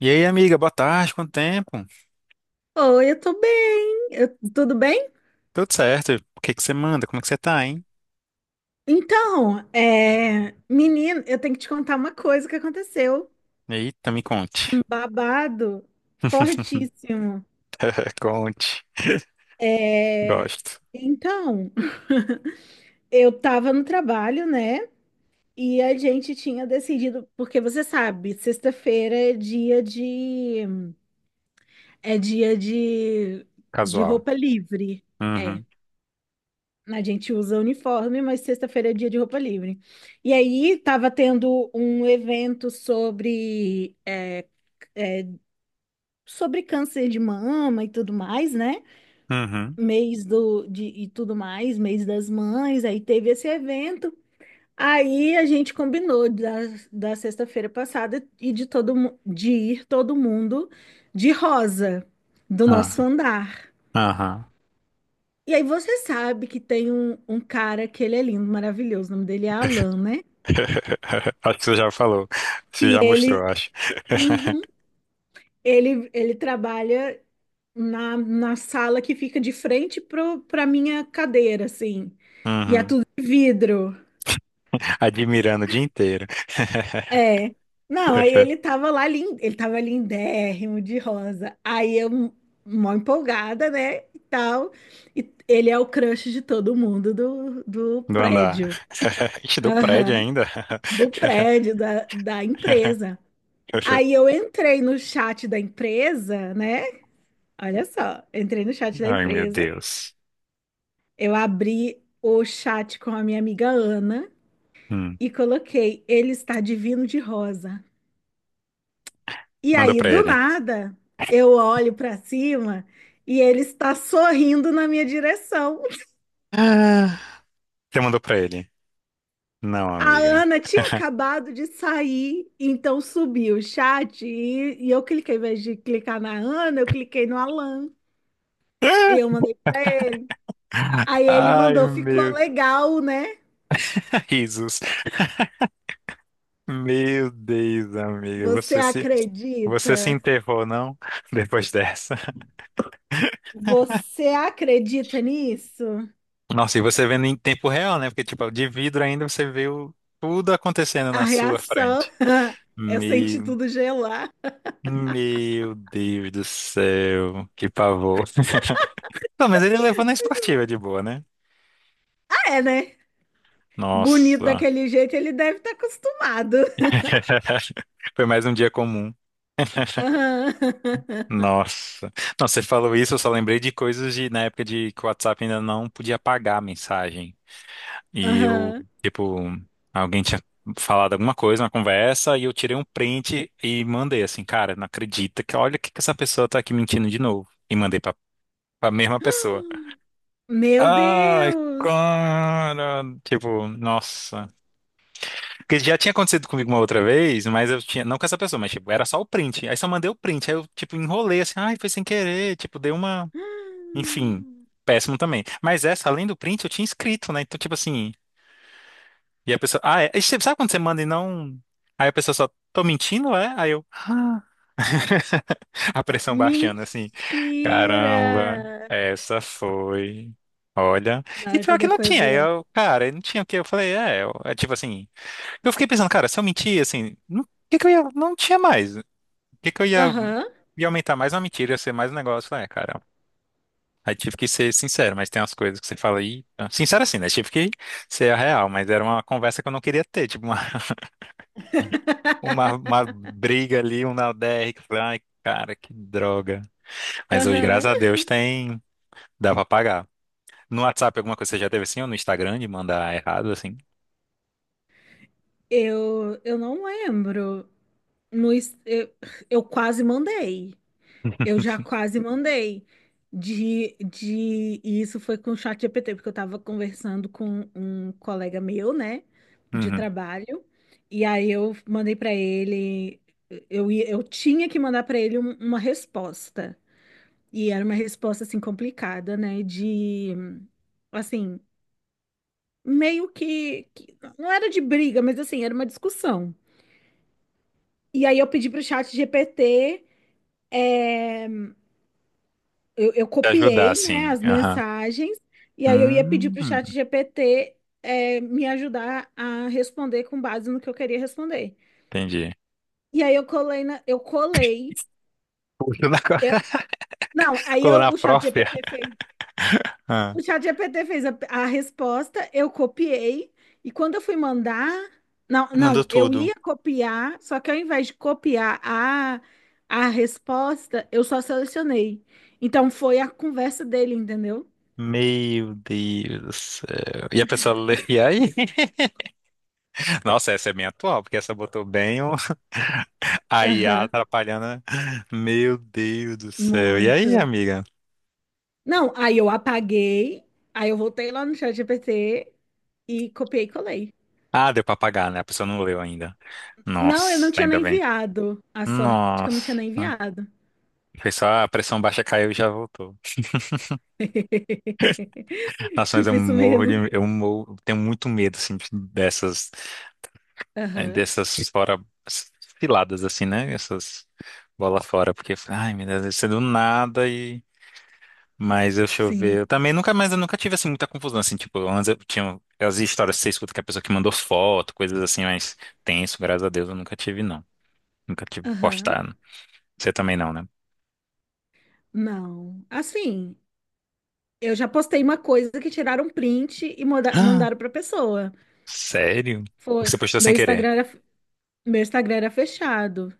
E aí, amiga, boa tarde, quanto tempo? Oi, eu tô bem. Tudo bem? Tudo certo? O que você manda? Como é que você tá, hein? Menino, eu tenho que te contar uma coisa que aconteceu. Eita, me conte. Um babado fortíssimo. Conte. É, Gosto. então, eu tava no trabalho, né? E a gente tinha decidido, porque você sabe, sexta-feira é dia é dia de, de Casual. roupa livre. É. Uhum. A gente usa uniforme, mas sexta-feira é dia de roupa livre. E aí tava tendo um evento sobre câncer de mama e tudo mais, né? Uhum. E tudo mais, mês das mães, aí teve esse evento. Aí a gente combinou da sexta-feira passada e de de ir todo mundo de rosa do Ah, nosso andar. aham. E aí você sabe que tem um cara que ele é lindo, maravilhoso, o nome dele é Alan, né? Acho que você já falou. Você já mostrou, acho. Ele trabalha na sala que fica de frente pra minha cadeira, assim. E é Uhum. tudo de vidro. Admirando o dia inteiro. É. Não, aí ele tava lá, ele tava lindérrimo de rosa. Aí eu, mó empolgada, né? E tal. E ele é o crush de todo mundo do Do andar. prédio. Ixi, do prédio Aham. ainda. Do prédio, da empresa. Aí eu entrei no chat da empresa, né? Olha só, entrei no chat da Ai, meu empresa. Deus. Eu abri o chat com a minha amiga Ana Hum. e coloquei, ele está divino de rosa. E Manda aí, pra do ele. nada, eu olho para cima e ele está sorrindo na minha direção. Você mandou pra ele? Não, A amiga. Ana tinha acabado de sair, então subi o chat e eu cliquei, ao invés de clicar na Ana, eu cliquei no Alan e eu mandei para ele. Aí ele Ai, mandou, ficou meu. legal, né? Risos. Meu Deus, amiga. Você Você se acredita? enterrou, não? Depois dessa. Você acredita nisso? Nossa, e você vendo em tempo real, né? Porque, tipo, de vidro ainda você viu tudo acontecendo A na sua reação, frente. eu senti Meu, tudo gelar. meu Deus do céu. Que pavor. Não, mas ele levou na esportiva de boa, né? Ah, é, né? Bonito Nossa. daquele jeito, ele deve estar acostumado. Foi mais um dia comum. Aham. Nossa. Não, você falou isso, eu só lembrei de coisas de na época de que o WhatsApp ainda não podia apagar a mensagem. E eu, Aham. tipo, alguém tinha falado alguma coisa na conversa e eu tirei um print e mandei assim, cara, não acredita que olha o que essa pessoa tá aqui mentindo de novo. E mandei pra mesma pessoa. Meu Ai, Deus! cara. Tipo, nossa. Porque já tinha acontecido comigo uma outra vez, mas eu tinha. Não com essa pessoa, mas tipo, era só o print. Aí só mandei o print. Aí eu, tipo, enrolei assim, ai, foi sem querer. Tipo, dei uma. Enfim, péssimo também. Mas essa, além do print, eu tinha escrito, né? Então, tipo assim, e a pessoa, ah, é. E você- Sabe quando você manda e não. Aí a pessoa só, tô mentindo, é? Aí eu, "Ah." a pressão baixando, assim, Mentira! caramba, essa foi. Olha, Não, e pior essa que daí não foi tinha, aí pior. eu, cara, aí não tinha o que, eu falei, é, eu- é tipo assim, eu fiquei pensando, cara, se eu mentir, assim, não- o que que eu ia, não tinha mais, o que que eu ia, Aham. ia aumentar mais uma mentira, ia ser mais um negócio, é, cara, aí tive que ser sincero, mas tem umas coisas que você fala aí. Sincero assim, né? Tive que ser a real, mas era uma conversa que eu não queria ter, tipo uma, uma briga ali, um na DR, que eu falei, ai, cara, que droga. Mas hoje, graças Aham. a Deus, tem. Dá pra pagar. No WhatsApp, alguma coisa você já teve assim, ou no Instagram de mandar errado, assim? Eu não lembro. No, es- Eu quase mandei. Eu já quase mandei de e isso foi com o chat GPT, porque eu estava conversando com um colega meu, né, de Uhum. trabalho, e aí eu mandei para ele, eu tinha que mandar para ele uma resposta. E era uma resposta assim complicada, né, assim, meio que não era de briga, mas assim, era uma discussão. E aí eu pedi para o chat GPT, eu Te ajudar, copiei, né, assim. as Aham. mensagens, e aí eu ia pedir para o Hum, chat GPT, é, me ajudar a responder com base no que eu queria responder. entendi. E aí eu eu colei. Puxa, na co- eu- não, colou na o chat própria. GPT fez. Ah. O chat GPT fez a resposta, eu copiei, e quando eu fui mandar. Não, Mandou não, eu tudo. ia copiar, só que ao invés de copiar a resposta, eu só selecionei. Então foi a conversa dele, entendeu? Meu Deus do céu. E a pessoa lê, e aí? Nossa, essa é bem atual, porque essa botou bem o... a IA Aham, atrapalhando. Né? Meu Deus do céu. E aí, muito. amiga? Não, aí eu apaguei, aí eu voltei lá no chat GPT e copiei e colei. Ah, deu pra pagar, né? A pessoa não leu ainda. Não, eu Nossa, não tinha ainda nem bem. enviado. A sorte que eu Nossa. não tinha nem enviado. Foi só a pressão baixa caiu e já voltou. Nossa, mas Tipo isso mesmo. eu morro, tenho muito medo, assim, dessas, eh, Aham, dessas fora, ciladas, assim, né? Essas bola fora, porque, ai, meu Deus, isso é do nada. Mas deixa eu sim. ver. Eu também nunca mais, eu nunca tive assim muita confusão. Assim, tipo, antes eu tinha as histórias que você escuta que a pessoa que mandou foto, coisas assim, mas tenso, graças a Deus, eu nunca tive, não. Nunca tive Aham. postado. Você também não, né? Não. Assim, eu já postei uma coisa que tiraram um print e Ah, mandaram pra pessoa. sério? Foi. Você postou sem Meu querer. Instagram era, meu Instagram era fechado.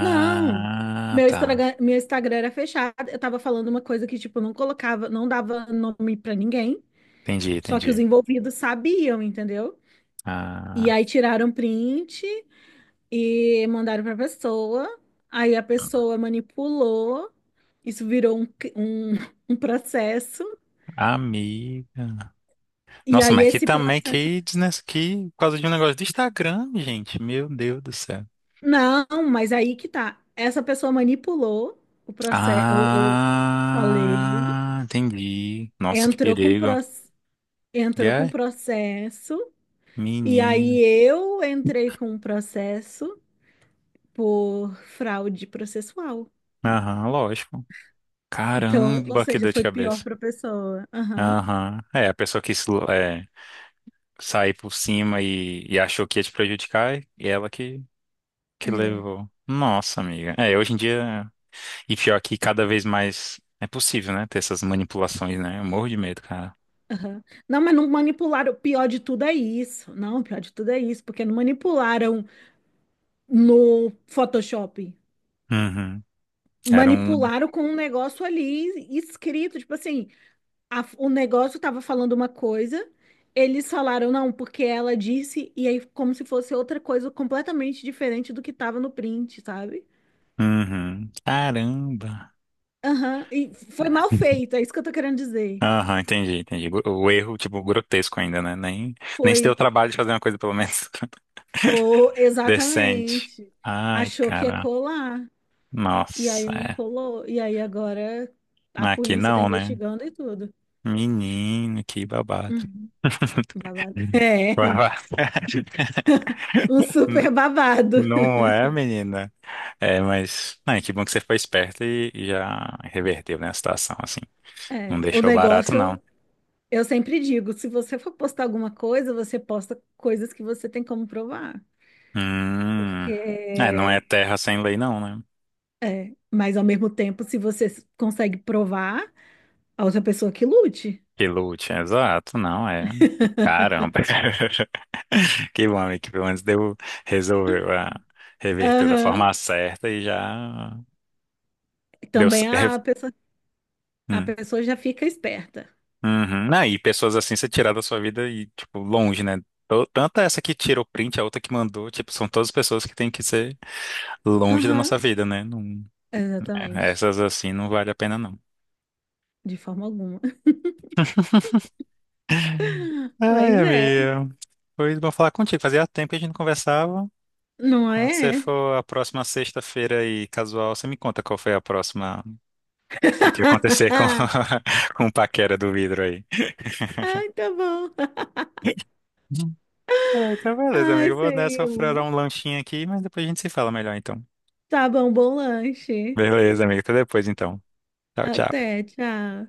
Não, meu tá. Meu Instagram era fechado. Eu tava falando uma coisa que, tipo, eu não colocava, não dava nome pra ninguém, só que os Entendi. envolvidos sabiam, entendeu? E Ah, aí tiraram print e mandaram pra pessoa. Aí a pessoa manipulou, isso virou um, um processo. amiga. E Nossa, aí mas que esse também, processo. que, desnes- que por causa de um negócio do Instagram, gente. Meu Deus do céu. Não, mas aí que tá. Essa pessoa manipulou o processo. Eu falei, Ah, entendi. Nossa, que entrou com pro perigo. E entrou com é? processo. E aí Menino. eu entrei com um processo por fraude processual. Aham, lógico. Então, ou Caramba, que seja, dor de foi pior cabeça. para a pessoa. Aham, Aham. É, a pessoa quis é, sair por cima e achou que ia te prejudicar e ela que é, levou. Nossa, amiga. É, hoje em dia. E pior que cada vez mais é possível, né? Ter essas manipulações, né? Eu morro de medo, cara. aham. Não, mas não manipularam. O pior de tudo é isso. Não, o pior de tudo é isso, porque não manipularam no Photoshop. Uhum. Era um. Manipularam com um negócio ali escrito, tipo assim, o negócio estava falando uma coisa, eles falaram não, porque ela disse, e aí como se fosse outra coisa completamente diferente do que estava no print, sabe? Uhum. Caramba. Aham, e foi mal feito, é isso que eu tô querendo dizer. Aham, entendi. O erro, tipo, grotesco ainda, né? Nem, nem se Foi, deu o trabalho de fazer uma coisa, pelo menos. foi, Decente. exatamente. Ai, Achou que ia cara. colar, e Nossa, aí não é. colou, e aí agora a Aqui polícia tá não, né? investigando e tudo. Menino, que babado. Uhum. Babado. É, Babado. um super babado. Não é, menina? É, mas ai, que bom que você foi esperta e já reverteu, né, a situação, assim. Não É, o deixou barato, não. negócio, eu sempre digo, se você for postar alguma coisa, você posta coisas que você tem como provar. Hum. É, não é Porque, terra sem lei, não, né? mas ao mesmo tempo, se você consegue provar, a outra pessoa que lute. Que lute, exato, não é. Caramba. Que bom, amigo, que pelo menos deu, resolveu a reverter da Aham. forma certa e já deu. C- Também re- a Hum. pessoa já fica esperta. Uhum. Não, e pessoas assim você tirar da sua vida e, tipo, longe, né? Tô- Tanto essa que tirou print, a outra que mandou, tipo, são todas pessoas que têm que ser longe da Aham, nossa vida, né? Não- é, exatamente. essas assim não vale a pena, não. De forma alguma. Ai, Mas é, amiga. Foi bom falar contigo. Fazia tempo que a gente não conversava. não Quando você é? for a próxima sexta-feira aí, casual, você me conta qual foi a próxima, o que que ia acontecer com, com o paquera do vidro aí. Ai, tá bom. Ah, então, beleza, Ai, amigo. Vou nessa, vou furar Senhor. um lanchinho aqui, mas depois a gente se fala melhor, então. Tá bom, bom lanche. Beleza, amigo. Até depois, então. Tchau, tchau. Até, tchau.